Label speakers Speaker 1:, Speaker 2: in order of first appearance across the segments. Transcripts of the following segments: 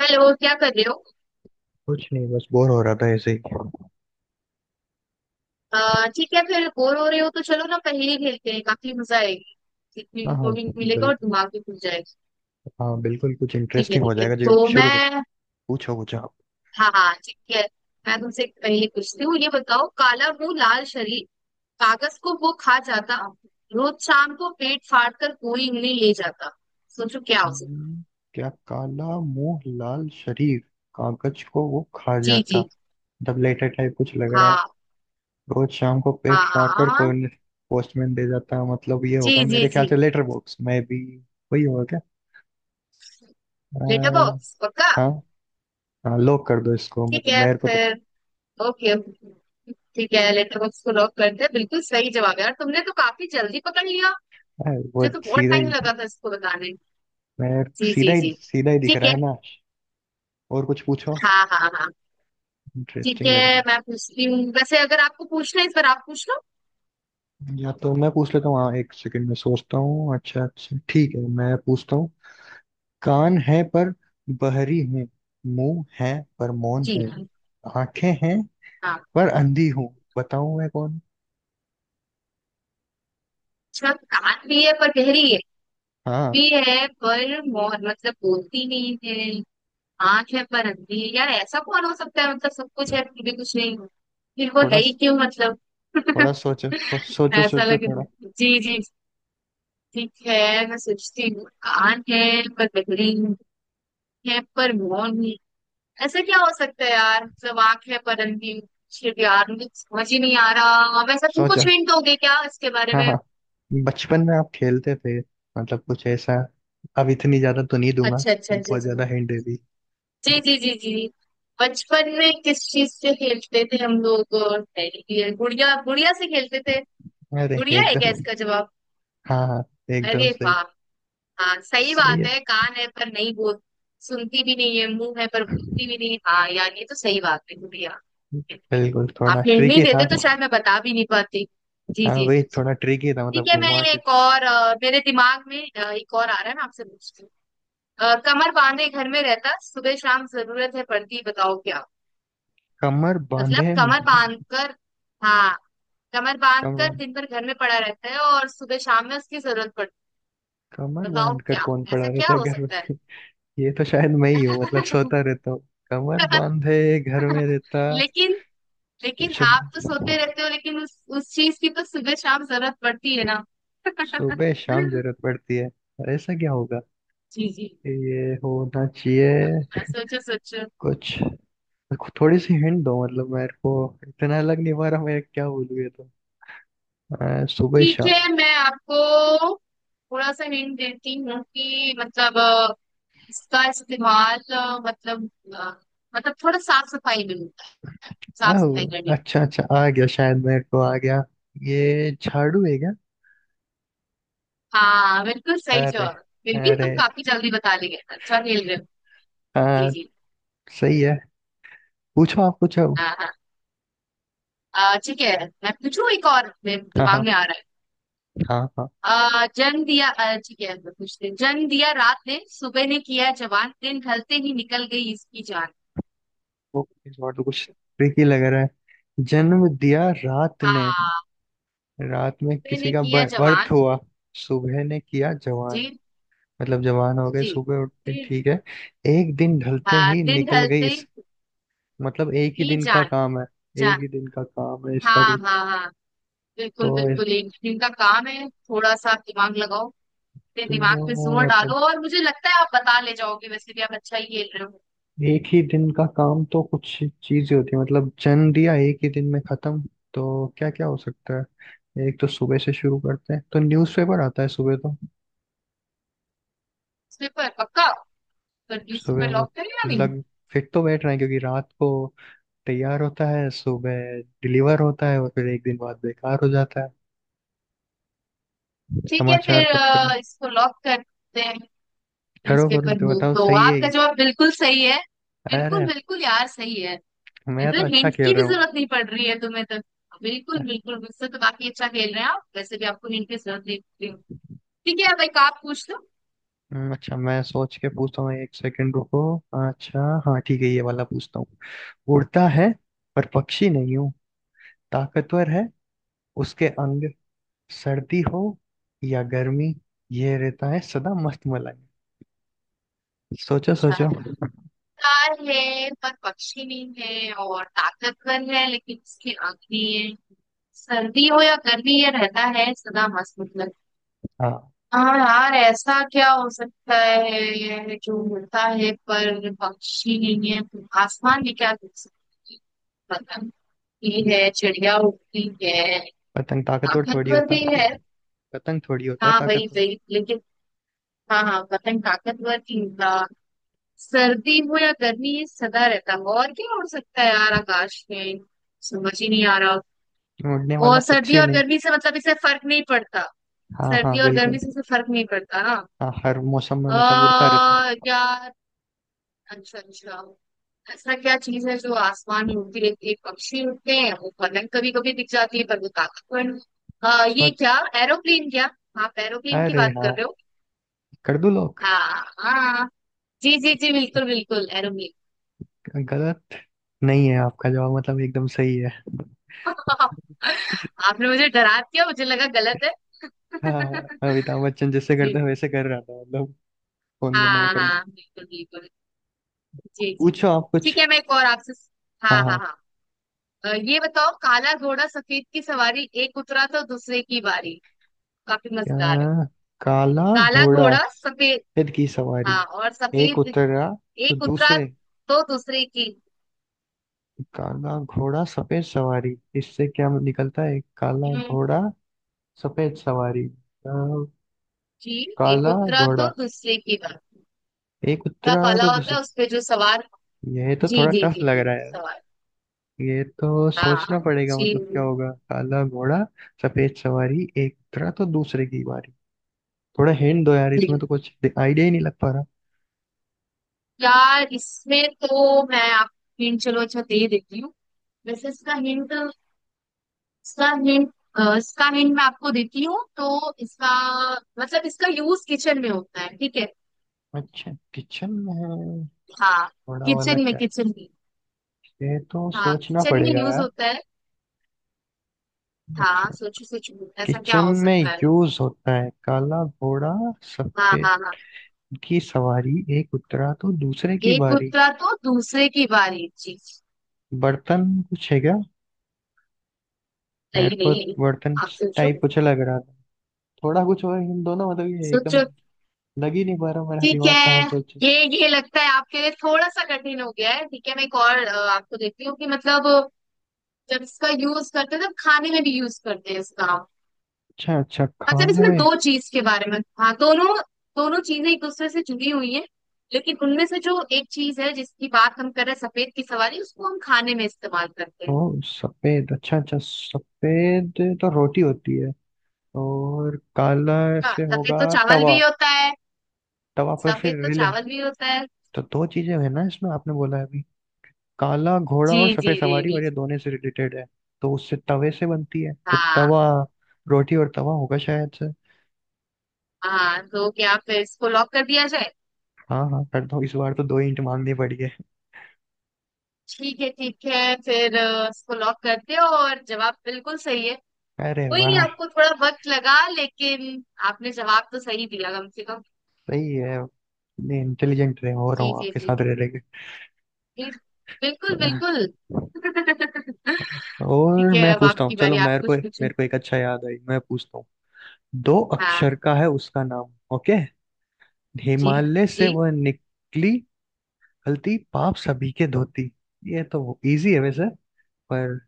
Speaker 1: Hello, क्या कर रहे हो।
Speaker 2: कुछ नहीं, बस बोर हो रहा था ऐसे ही।
Speaker 1: ठीक है, फिर बोर हो रहे हो तो चलो ना, पहेली खेलते हैं, काफी मजा आएगी। सीखने
Speaker 2: हाँ हाँ
Speaker 1: को भी मिलेगा
Speaker 2: बिल्कुल।
Speaker 1: और दिमाग भी खुल जाएगा।
Speaker 2: हाँ बिल्कुल, कुछ
Speaker 1: ठीक है,
Speaker 2: इंटरेस्टिंग हो
Speaker 1: ठीक है
Speaker 2: जाएगा। जी
Speaker 1: तो
Speaker 2: शुरू करो।
Speaker 1: मैं।
Speaker 2: पूछो कुछ आप।
Speaker 1: हाँ हाँ, ठीक है। मैं तुमसे एक पहेली पूछती हूँ, ये बताओ, काला मुंह लाल शरीर, कागज को वो खा जाता, रोज शाम को पेट फाड़ कर कोई इन्हें ले जाता, सोचो क्या हो सकता।
Speaker 2: हम्म, क्या? काला मुंह लाल शरीर, कागज को वो खा
Speaker 1: जी
Speaker 2: जाता।
Speaker 1: जी।
Speaker 2: तब लेटर टाइप कुछ लग रहा है।
Speaker 1: हाँ।
Speaker 2: रोज शाम को
Speaker 1: हाँ
Speaker 2: पेट फाड़ कर
Speaker 1: हाँ।
Speaker 2: कोई पोस्टमैन दे जाता, मतलब ये
Speaker 1: जी
Speaker 2: होगा
Speaker 1: जी
Speaker 2: मेरे ख्याल
Speaker 1: जी।
Speaker 2: से। लेटर बॉक्स में भी वही होगा क्या? अ,
Speaker 1: लेटर बॉक्स पक्का।
Speaker 2: हाँ। हाँ लॉक कर दो इसको,
Speaker 1: ठीक
Speaker 2: मतलब
Speaker 1: है
Speaker 2: मेरे को तो
Speaker 1: फिर। ओके ओके, ठीक है लेटर बॉक्स को लॉक करते हैं, बिल्कुल सही जवाब है यार, तुमने तो काफी जल्दी पकड़ लिया।
Speaker 2: अ, वो
Speaker 1: मुझे तो बहुत
Speaker 2: सीधा ही,
Speaker 1: टाइम लगा था इसको बताने।
Speaker 2: मेरे
Speaker 1: जी
Speaker 2: सीधा
Speaker 1: जी
Speaker 2: ही
Speaker 1: जी।
Speaker 2: सीधा ही दिख
Speaker 1: ठीक
Speaker 2: रहा
Speaker 1: है।
Speaker 2: है ना। और कुछ पूछो,
Speaker 1: हाँ हाँ हाँ। ठीक
Speaker 2: इंटरेस्टिंग लग रहा
Speaker 1: है,
Speaker 2: है।
Speaker 1: मैं पूछती हूँ, वैसे अगर आपको पूछना है इस बार आप पूछ लो।
Speaker 2: या तो मैं पूछ लेता हूँ, हाँ एक सेकंड में सोचता हूँ। अच्छा अच्छा ठीक है, मैं पूछता हूँ। कान है पर बहरी हूँ, मुंह है पर मौन
Speaker 1: जी।
Speaker 2: हूँ, आंखें हैं
Speaker 1: हाँ।
Speaker 2: पर अंधी हूँ, बताऊँ मैं कौन।
Speaker 1: अच्छा, कान भी है पर गहरी है।
Speaker 2: हाँ।
Speaker 1: भी है पर मोहर, मतलब बोलती नहीं है। आंख है पर अंधी है, यार ऐसा कौन हो सकता है, मतलब सब कुछ है फिर भी कुछ नहीं। फिर वो
Speaker 2: थोड़ा
Speaker 1: है ही क्यों, मतलब।
Speaker 2: थोड़ा सोचो, सोचो
Speaker 1: ऐसा
Speaker 2: सोचो
Speaker 1: लगे।
Speaker 2: थोड़ा
Speaker 1: जी जी। ठीक है मैं सोचती हूँ। आन है, पर बहरीन, है पर मौन है। ऐसा क्या हो सकता है यार, मतलब आंख है पर अंधी। शिट यार, मुझे समझ ही नहीं आ रहा, वैसा तुम
Speaker 2: सोचो।
Speaker 1: कुछ हिंट दोगे क्या इसके बारे
Speaker 2: हाँ
Speaker 1: में?
Speaker 2: हाँ, बचपन में आप खेलते थे मतलब कुछ ऐसा। अब इतनी ज्यादा तो नहीं दूंगा,
Speaker 1: अच्छा अच्छा अच्छा
Speaker 2: बहुत
Speaker 1: अच्छा।
Speaker 2: ज्यादा हिंट दे दी।
Speaker 1: जी जी जी जी। बचपन में किस चीज से खेलते थे हम लोग? टेडी बियर, गुड़िया, गुड़िया से खेलते थे।
Speaker 2: अरे
Speaker 1: गुड़िया है क्या
Speaker 2: एकदम!
Speaker 1: इसका जवाब?
Speaker 2: हाँ हाँ एकदम
Speaker 1: अरे
Speaker 2: सही।
Speaker 1: वाह। हाँ सही
Speaker 2: सही
Speaker 1: बात
Speaker 2: है।
Speaker 1: है, कान है पर नहीं बोल, सुनती भी नहीं है, मुंह है पर बोलती भी नहीं, हाँ यार ये तो सही बात है गुड़िया।
Speaker 2: बिल्कुल
Speaker 1: आप
Speaker 2: थोड़ा
Speaker 1: हिंट नहीं
Speaker 2: ट्रिकी था।
Speaker 1: देते तो शायद मैं बता भी नहीं पाती। जी
Speaker 2: हाँ
Speaker 1: जी।
Speaker 2: वही थोड़ा ट्रिकी था, मतलब
Speaker 1: ठीक है, मैं
Speaker 2: घुमा के।
Speaker 1: एक और मेरे दिमाग में एक और आ रहा है, मैं आपसे पूछती हूँ। कमर बांधे घर में रहता, सुबह शाम जरूरत है पड़ती, बताओ क्या।
Speaker 2: कमर
Speaker 1: मतलब
Speaker 2: बांधे,
Speaker 1: कमर बांध कर। हाँ। कमर बांध कर
Speaker 2: कमर,
Speaker 1: दिन भर घर में पड़ा रहता है, और सुबह शाम में उसकी जरूरत पड़ती
Speaker 2: कमर
Speaker 1: है। बताओ
Speaker 2: बांध कर
Speaker 1: क्या।
Speaker 2: कौन पड़ा
Speaker 1: ऐसा
Speaker 2: रहता
Speaker 1: क्या
Speaker 2: है
Speaker 1: हो
Speaker 2: घर में?
Speaker 1: सकता है?
Speaker 2: ये तो शायद मैं ही हूँ, मतलब सोता रहता हूँ। कमर बांधे घर में रहता।
Speaker 1: लेकिन, लेकिन
Speaker 2: शु-
Speaker 1: आप तो सोते रहते हो, लेकिन उस चीज की तो सुबह शाम जरूरत पड़ती है ना।
Speaker 2: सुबह शाम
Speaker 1: जी
Speaker 2: जरूरत पड़ती है, ऐसा क्या होगा?
Speaker 1: जी।
Speaker 2: ये होना चाहिए
Speaker 1: हाँ, सोचो सोचो।
Speaker 2: कुछ। थोड़ी सी हिंट दो मतलब मेरे को, इतना लग नहीं पा रहा, मैं क्या बोलूँ ये तो। सुबह
Speaker 1: ठीक
Speaker 2: शाम।
Speaker 1: है मैं आपको थोड़ा सा हिंट देती हूँ कि मतलब इसका इस्तेमाल मतलब अ, मतलब थोड़ा साफ सफाई में होता है, साफ सफाई करने
Speaker 2: आह,
Speaker 1: में।
Speaker 2: अच्छा अच्छा आ गया, शायद मेरे को आ गया। ये झाड़ू है क्या?
Speaker 1: हाँ बिल्कुल सही
Speaker 2: अरे!
Speaker 1: जवाब। बिल्कुल,
Speaker 2: अरे
Speaker 1: तुम काफी जल्दी बता लिए, अच्छा खेल रहे हो। जी
Speaker 2: हाँ,
Speaker 1: जी।
Speaker 2: सही है। पूछो आप पूछो।
Speaker 1: हाँ हाँ। ठीक है। मैं पूछूं, एक और मेरे
Speaker 2: हाँ
Speaker 1: दिमाग
Speaker 2: हाँ
Speaker 1: में आ रहा है।
Speaker 2: हाँ हाँ।
Speaker 1: जन्म दिया ठीक है मैं पूछती हूँ। जन्म दिया रात ने, सुबह ने किया जवान, दिन ढलते ही निकल गई इसकी जान।
Speaker 2: वो इस बार तो कुछ ट्रिकी लग रहा है। जन्म दिया रात ने,
Speaker 1: हाँ।
Speaker 2: रात में किसी
Speaker 1: मैंने
Speaker 2: का
Speaker 1: किया
Speaker 2: बर्थ
Speaker 1: जवान।
Speaker 2: हुआ। सुबह ने किया
Speaker 1: जी।
Speaker 2: जवान, मतलब जवान हो गए
Speaker 1: जी।
Speaker 2: सुबह उठते,
Speaker 1: दिन।
Speaker 2: ठीक है। एक दिन ढलते
Speaker 1: हाँ
Speaker 2: ही
Speaker 1: दिन
Speaker 2: निकल गई
Speaker 1: ढलते
Speaker 2: इस, मतलब एक ही
Speaker 1: ही
Speaker 2: दिन का
Speaker 1: जान।
Speaker 2: काम है। एक
Speaker 1: जान।
Speaker 2: ही दिन का काम है इसका
Speaker 1: हाँ हाँ
Speaker 2: कुछ।
Speaker 1: हाँ।
Speaker 2: तो
Speaker 1: बिल्कुल
Speaker 2: इस,
Speaker 1: बिल्कुल, एक दिन का काम है, थोड़ा सा दिमाग लगाओ। अपने
Speaker 2: तो
Speaker 1: दिमाग पे जोर
Speaker 2: मतलब
Speaker 1: डालो, और मुझे लगता है आप बता ले जाओगे, वैसे भी आप अच्छा ही खेल रहे हो।
Speaker 2: एक ही दिन का काम तो कुछ चीजें होती है, मतलब जन्म दिया एक ही दिन में खत्म। तो क्या क्या हो सकता है? एक तो सुबह से शुरू करते हैं तो न्यूज़पेपर आता है सुबह तो।
Speaker 1: इस पर पक्का। पर
Speaker 2: सुबह
Speaker 1: न्यूज़पेपर
Speaker 2: वो
Speaker 1: लॉक करें या नहीं?
Speaker 2: लग, फिट तो बैठ रहे हैं क्योंकि रात को तैयार होता है, सुबह डिलीवर होता है और फिर एक दिन बाद बेकार हो जाता है,
Speaker 1: ठीक है
Speaker 2: समाचार
Speaker 1: फिर
Speaker 2: पत्र।
Speaker 1: इसको लॉक करते हैं।
Speaker 2: करो करो,
Speaker 1: न्यूज़पेपर
Speaker 2: तो
Speaker 1: को,
Speaker 2: बताओ
Speaker 1: तो
Speaker 2: सही है
Speaker 1: आपका
Speaker 2: ये।
Speaker 1: जवाब बिल्कुल सही है। बिल्कुल
Speaker 2: अरे,
Speaker 1: बिल्कुल यार, सही है।
Speaker 2: मैं तो
Speaker 1: तो
Speaker 2: अच्छा
Speaker 1: हिंट
Speaker 2: खेल
Speaker 1: की भी
Speaker 2: रहा हूँ।
Speaker 1: जरूरत नहीं पड़ रही है तुम्हें तो। बिल्कुल बिल्कुल, मुझसे तो काफी अच्छा खेल रहे हैं आप, वैसे भी आपको हिंट की जरूरत नहीं पड़ रही। ठीक है, अब एक आप पूछ लो।
Speaker 2: अच्छा मैं सोच के पूछता हूँ, एक सेकंड रुको। अच्छा हाँ ठीक है, ये वाला पूछता हूँ। उड़ता है पर पक्षी नहीं हूँ, ताकतवर है उसके अंग, सर्दी हो या गर्मी, ये रहता है सदा मस्त मलाई। सोचो
Speaker 1: अच्छा।
Speaker 2: सोचो।
Speaker 1: कार है पर पक्षी नहीं है, और ताकतवर है लेकिन उसकी आंख नहीं है। सर्दी हो या गर्मी ये रहता है सदा मस्त, मतलब।
Speaker 2: हाँ,
Speaker 1: हाँ यार ऐसा क्या हो सकता है, जो उड़ता है पर पक्षी नहीं है, तो आसमान में क्या देख सकते हैं? पतंग उड़ती है, चिड़िया उड़ती है।
Speaker 2: पतंग ताकतवर थोड़ी
Speaker 1: ताकतवर
Speaker 2: होता,
Speaker 1: भी है।
Speaker 2: पतंग थोड़ी होता है
Speaker 1: हाँ वही
Speaker 2: ताकतवर।
Speaker 1: वही लेकिन। हाँ हाँ, वतन ताकतवर भी होगा। सर्दी हो या गर्मी ये सदा रहता है, और क्या हो सकता है यार आकाश में। समझ ही नहीं आ रहा।
Speaker 2: उड़ने वाला
Speaker 1: और सर्दी
Speaker 2: पक्षी
Speaker 1: और
Speaker 2: नहीं।
Speaker 1: गर्मी से मतलब इसे फर्क नहीं पड़ता।
Speaker 2: हाँ हाँ
Speaker 1: सर्दी और
Speaker 2: बिल्कुल।
Speaker 1: गर्मी से इसे फर्क नहीं पड़ता ना।
Speaker 2: हाँ हर मौसम में मतलब उड़ता रहता है।
Speaker 1: यार। अच्छा अच्छा। ऐसा क्या चीज है जो आसमान में उड़ती रहती है, पक्षी उड़ते हैं, वो पलंग कभी कभी दिख जाती है पर वो ताकतवर नहीं। ये
Speaker 2: सोच।
Speaker 1: क्या। एरोप्लेन क्या। आप एरोप्लेन की
Speaker 2: अरे
Speaker 1: बात
Speaker 2: हाँ,
Speaker 1: कर रहे हो?
Speaker 2: कर दूं लोग,
Speaker 1: हाँ हाँ। जी जी जी, बिल्कुल बिल्कुल, एरोमील।
Speaker 2: गलत नहीं है आपका जवाब, मतलब एकदम सही है।
Speaker 1: आपने मुझे डरा दिया, मुझे लगा गलत है।
Speaker 2: हाँ, अमिताभ बच्चन जैसे
Speaker 1: जी
Speaker 2: करते हैं
Speaker 1: जी।
Speaker 2: वैसे कर रहा था, मतलब फोन करने का
Speaker 1: हाँ
Speaker 2: करूँ।
Speaker 1: हाँ बिल्कुल बिल्कुल। जी जी
Speaker 2: पूछो
Speaker 1: जी।
Speaker 2: आप कुछ।
Speaker 1: ठीक है मैं एक और आपसे।
Speaker 2: हाँ
Speaker 1: हाँ हाँ
Speaker 2: हाँ।
Speaker 1: हाँ। ये बताओ, काला घोड़ा सफेद की सवारी, एक उतरा तो दूसरे की बारी। काफी
Speaker 2: क्या?
Speaker 1: मजेदार है।
Speaker 2: काला
Speaker 1: काला
Speaker 2: घोड़ा,
Speaker 1: घोड़ा सफेद।
Speaker 2: फिर की सवारी,
Speaker 1: हाँ और
Speaker 2: एक
Speaker 1: सफेद।
Speaker 2: उतरा तो
Speaker 1: एक उतरा
Speaker 2: दूसरे।
Speaker 1: तो दूसरे की।
Speaker 2: काला घोड़ा सफेद सवारी, इससे क्या निकलता है? काला
Speaker 1: हम्म,
Speaker 2: घोड़ा सफेद सवारी। अ,
Speaker 1: जी। एक
Speaker 2: काला
Speaker 1: उतरा
Speaker 2: घोड़ा,
Speaker 1: तो दूसरे की बारी
Speaker 2: एक
Speaker 1: का,
Speaker 2: उतरा
Speaker 1: काला
Speaker 2: तो
Speaker 1: होता
Speaker 2: दूसरे।
Speaker 1: है उस पे जो सवार।
Speaker 2: यह तो
Speaker 1: जी,
Speaker 2: थोड़ा
Speaker 1: जी,
Speaker 2: टफ
Speaker 1: जी,
Speaker 2: लग
Speaker 1: जी,
Speaker 2: रहा है।
Speaker 1: सवाल।
Speaker 2: ये तो
Speaker 1: हाँ,
Speaker 2: सोचना
Speaker 1: हाँ,
Speaker 2: पड़ेगा,
Speaker 1: जी,
Speaker 2: मतलब क्या होगा? काला घोड़ा सफेद सवारी, एक उतरा तो दूसरे की बारी। थोड़ा हिंट दो यार, इसमें
Speaker 1: जी।
Speaker 2: तो कुछ आइडिया ही नहीं लग पा रहा।
Speaker 1: यार इसमें तो मैं आपको हिंट, चलो अच्छा दे देती हूँ। वैसे इसका हिंट, इसका हिंट, इसका हिंट मैं आपको देती हूँ, तो इसका मतलब, इसका यूज किचन में होता है, ठीक है।
Speaker 2: अच्छा, किचन में है,
Speaker 1: हाँ
Speaker 2: घोड़ा वाला
Speaker 1: किचन में,
Speaker 2: क्या?
Speaker 1: किचन में।
Speaker 2: ये तो
Speaker 1: हाँ
Speaker 2: सोचना
Speaker 1: किचन में
Speaker 2: पड़ेगा
Speaker 1: यूज
Speaker 2: यार।
Speaker 1: होता है। हाँ
Speaker 2: अच्छा
Speaker 1: सोचो सोचो, ऐसा क्या
Speaker 2: किचन
Speaker 1: हो
Speaker 2: में
Speaker 1: सकता है।
Speaker 2: यूज होता है। काला घोड़ा
Speaker 1: हाँ
Speaker 2: सफेद
Speaker 1: हाँ हाँ।
Speaker 2: की सवारी, एक उतरा तो दूसरे की
Speaker 1: एक
Speaker 2: बारी।
Speaker 1: उतरा तो दूसरे की बारी। जी।
Speaker 2: बर्तन कुछ है क्या? मेरे
Speaker 1: नहीं
Speaker 2: को
Speaker 1: नहीं।
Speaker 2: बर्तन
Speaker 1: आप सोचो।
Speaker 2: टाइप कुछ लग रहा था। थोड़ा कुछ और, इन दोनों मतलब ये एकदम
Speaker 1: सोचो।
Speaker 2: लग ही नहीं पा रहा, मेरा
Speaker 1: ठीक
Speaker 2: दिमाग कहाँ
Speaker 1: है।
Speaker 2: सोचे।
Speaker 1: ये ये लगता है आपके लिए थोड़ा सा कठिन हो गया है, ठीक है मैं एक और आपको देती हूँ कि मतलब, जब इसका यूज करते हैं तब खाने में भी यूज करते हैं इसका हम।
Speaker 2: अच्छा अच्छा,
Speaker 1: मतलब
Speaker 2: खाने
Speaker 1: इसमें
Speaker 2: में।
Speaker 1: दो चीज के बारे में, हाँ दोनों, दोनों चीजें एक दूसरे से जुड़ी हुई है। लेकिन उनमें से जो एक चीज है जिसकी बात हम कर रहे हैं, सफेद की सवारी, उसको हम खाने में इस्तेमाल करते
Speaker 2: ओ,
Speaker 1: हैं।
Speaker 2: सफेद अच्छा अच्छा, सफेद तो रोटी होती है, और काला
Speaker 1: हाँ
Speaker 2: से
Speaker 1: सफेद
Speaker 2: होगा
Speaker 1: तो चावल
Speaker 2: तवा।
Speaker 1: भी होता है।
Speaker 2: तवा पर फिर
Speaker 1: सफेद तो
Speaker 2: रिले।
Speaker 1: चावल भी होता है।
Speaker 2: तो दो चीजें है ना इसमें, आपने बोला है अभी काला घोड़ा
Speaker 1: जी
Speaker 2: और
Speaker 1: जी
Speaker 2: सफेद
Speaker 1: जी
Speaker 2: सवारी,
Speaker 1: जी।
Speaker 2: और ये दोनों से रिलेटेड है। तो उससे तवे से बनती है तो
Speaker 1: हाँ
Speaker 2: तवा रोटी, और तवा होगा शायद से।
Speaker 1: हाँ। तो क्या फिर इसको लॉक कर दिया जाए?
Speaker 2: हाँ हाँ कर दो, इस बार तो दो इंट मांगनी पड़ी है।
Speaker 1: ठीक है फिर इसको लॉक करते हो, और जवाब बिल्कुल सही है।
Speaker 2: अरे
Speaker 1: कोई नहीं,
Speaker 2: वाह,
Speaker 1: आपको थोड़ा वक्त लगा लेकिन, आपने जवाब तो सही दिया कम से कम।
Speaker 2: सही है। इतने इंटेलिजेंट रहे हो रहा
Speaker 1: जी
Speaker 2: हूँ
Speaker 1: जी
Speaker 2: आपके
Speaker 1: जी
Speaker 2: साथ रह रह के,
Speaker 1: जी। बिल्कुल बिल्कुल। ठीक
Speaker 2: और
Speaker 1: है,
Speaker 2: मैं
Speaker 1: अब
Speaker 2: पूछता हूँ
Speaker 1: आपकी
Speaker 2: चलो
Speaker 1: बारी आप
Speaker 2: मेरे को।
Speaker 1: कुछ पूछो।
Speaker 2: मेरे को एक अच्छा याद आई, मैं पूछता हूँ। दो अक्षर
Speaker 1: हाँ
Speaker 2: का है उसका नाम, ओके।
Speaker 1: जी
Speaker 2: हिमालय से
Speaker 1: जी।
Speaker 2: वह निकली, गलती पाप सभी के धोती। ये तो इजी है वैसे, पर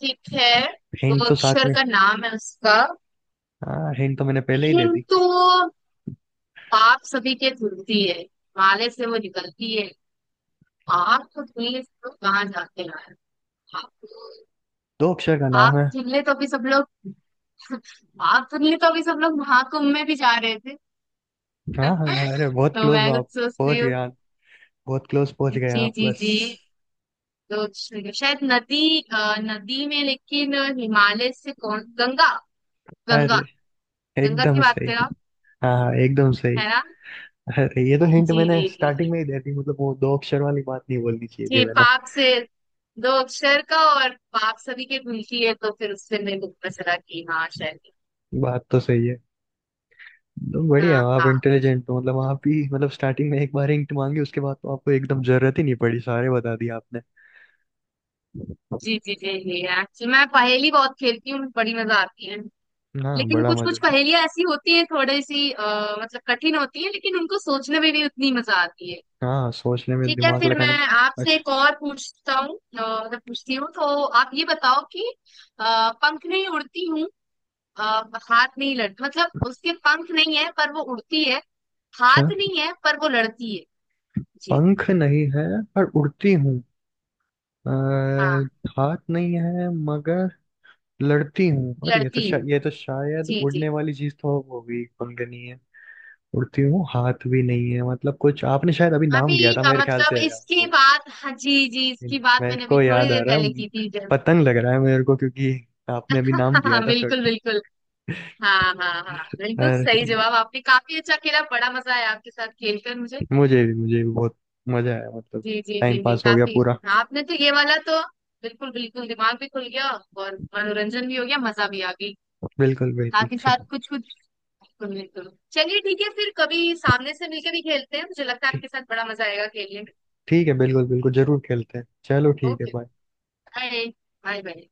Speaker 1: ठीक है, तो
Speaker 2: हिंट तो साथ
Speaker 1: अक्षर
Speaker 2: में।
Speaker 1: का नाम है उसका।
Speaker 2: हाँ हिंट तो मैंने पहले ही दे दी,
Speaker 1: किंतु, पाप सभी के धुलती है, माले से वो निकलती है। आप तो धुलने से तो कहाँ जाते हैं।
Speaker 2: दो अक्षर का
Speaker 1: आग
Speaker 2: नाम है।
Speaker 1: धुलने तो अभी सब लोग, आग धुलने तो अभी सब लोग महाकुंभ में भी जा रहे थे।
Speaker 2: हाँ हाँ, हाँ, अरे बहुत
Speaker 1: तो
Speaker 2: क्लोज हो
Speaker 1: मैं कुछ
Speaker 2: आप। पहुंच
Speaker 1: सोचती
Speaker 2: गए
Speaker 1: हूँ।
Speaker 2: आप, बहुत क्लोज पहुंच गए
Speaker 1: जी
Speaker 2: आप
Speaker 1: जी
Speaker 2: बस।
Speaker 1: जी। तो शायद नदी में, लेकिन हिमालय से कौन, गंगा। गंगा।
Speaker 2: अरे
Speaker 1: गंगा की
Speaker 2: एकदम
Speaker 1: बात
Speaker 2: सही!
Speaker 1: कर रहा हूँ,
Speaker 2: हाँ हाँ, एकदम सही।
Speaker 1: है ना?
Speaker 2: अरे ये तो हिंट
Speaker 1: जी
Speaker 2: मैंने
Speaker 1: जी जी
Speaker 2: स्टार्टिंग
Speaker 1: जी,
Speaker 2: में ही दे दी, मतलब वो दो अक्षर वाली बात नहीं बोलनी चाहिए थी
Speaker 1: जी
Speaker 2: मैंने।
Speaker 1: पाप से, दो अक्षर का और पाप सभी के मिलती है, तो फिर उससे मेरे को पता चला कि हाँ शायद।
Speaker 2: बात तो सही है। तो बढ़िया,
Speaker 1: हाँ
Speaker 2: आप
Speaker 1: हाँ।
Speaker 2: इंटेलिजेंट हो मतलब आप भी, मतलब स्टार्टिंग में एक बार हिंट मांगी, उसके बाद तो आपको एकदम जरूरत ही नहीं पड़ी, सारे बता दिए आपने।
Speaker 1: जी जी जी जी, एक्चुअली मैं पहेली बहुत खेलती हूँ, बड़ी मजा आती है।
Speaker 2: हाँ
Speaker 1: लेकिन
Speaker 2: बड़ा
Speaker 1: कुछ
Speaker 2: मजा।
Speaker 1: कुछ पहेलियां ऐसी होती है, थोड़ी सी मतलब कठिन होती है, लेकिन उनको सोचने में भी उतनी मजा आती है।
Speaker 2: हाँ सोचने में
Speaker 1: ठीक है
Speaker 2: दिमाग
Speaker 1: फिर,
Speaker 2: लगाने।
Speaker 1: मैं आपसे
Speaker 2: अच्छा
Speaker 1: एक और पूछता हूँ, मतलब पूछती हूँ, तो आप ये बताओ कि पंख नहीं उड़ती हूँ, अ, हाथ नहीं लड़, मतलब उसके पंख नहीं है पर वो उड़ती है,
Speaker 2: अच्छा।
Speaker 1: हाथ नहीं है पर वो लड़ती है। जी।
Speaker 2: पंख नहीं है पर उड़ती हूँ,
Speaker 1: हाँ
Speaker 2: अह, हाथ नहीं है मगर लड़ती हूँ। और ये तो
Speaker 1: लड़ती
Speaker 2: ये
Speaker 1: है।
Speaker 2: तो शायद
Speaker 1: जी
Speaker 2: उड़ने
Speaker 1: जी।
Speaker 2: वाली चीज तो हो गई, पंख नहीं है, उड़ती हूँ, हाथ भी नहीं है, मतलब कुछ आपने शायद अभी नाम लिया
Speaker 1: अभी
Speaker 2: था मेरे ख्याल
Speaker 1: मतलब
Speaker 2: से
Speaker 1: इसकी
Speaker 2: आपको।
Speaker 1: बात, हाँ जी जी, इसकी बात
Speaker 2: मेरे
Speaker 1: मैंने अभी
Speaker 2: को
Speaker 1: थोड़ी
Speaker 2: याद आ
Speaker 1: देर
Speaker 2: रहा
Speaker 1: पहले
Speaker 2: है,
Speaker 1: की थी जब।
Speaker 2: पतंग लग रहा है मेरे को, क्योंकि आपने अभी नाम दिया
Speaker 1: हाँ
Speaker 2: था
Speaker 1: बिल्कुल
Speaker 2: थोड़ा।
Speaker 1: बिल्कुल। हाँ हाँ हाँ हाँ, बिल्कुल
Speaker 2: अरे,
Speaker 1: सही जवाब, आपने काफी अच्छा खेला, बड़ा मजा आया आपके साथ खेलकर मुझे।
Speaker 2: मुझे भी बहुत मजा आया, मतलब
Speaker 1: जी जी
Speaker 2: टाइम
Speaker 1: जी जी
Speaker 2: पास हो गया
Speaker 1: काफी।
Speaker 2: पूरा।
Speaker 1: हाँ, आपने तो ये वाला तो, बिल्कुल बिल्कुल, दिमाग भी खुल गया, और मनोरंजन भी हो गया, मजा भी आ गई,
Speaker 2: बिल्कुल बिल्कुल,
Speaker 1: साथ ही साथ कुछ कुछ। बिल्कुल बिल्कुल, चलिए ठीक है, फिर कभी सामने से मिलकर भी खेलते हैं, मुझे लगता है
Speaker 2: ठीक,
Speaker 1: आपके साथ बड़ा मजा आएगा खेलने में।
Speaker 2: ठीक है बिल्कुल बिल्कुल, जरूर खेलते हैं। चलो ठीक है,
Speaker 1: okay.
Speaker 2: Bye.
Speaker 1: Bye. Bye bye.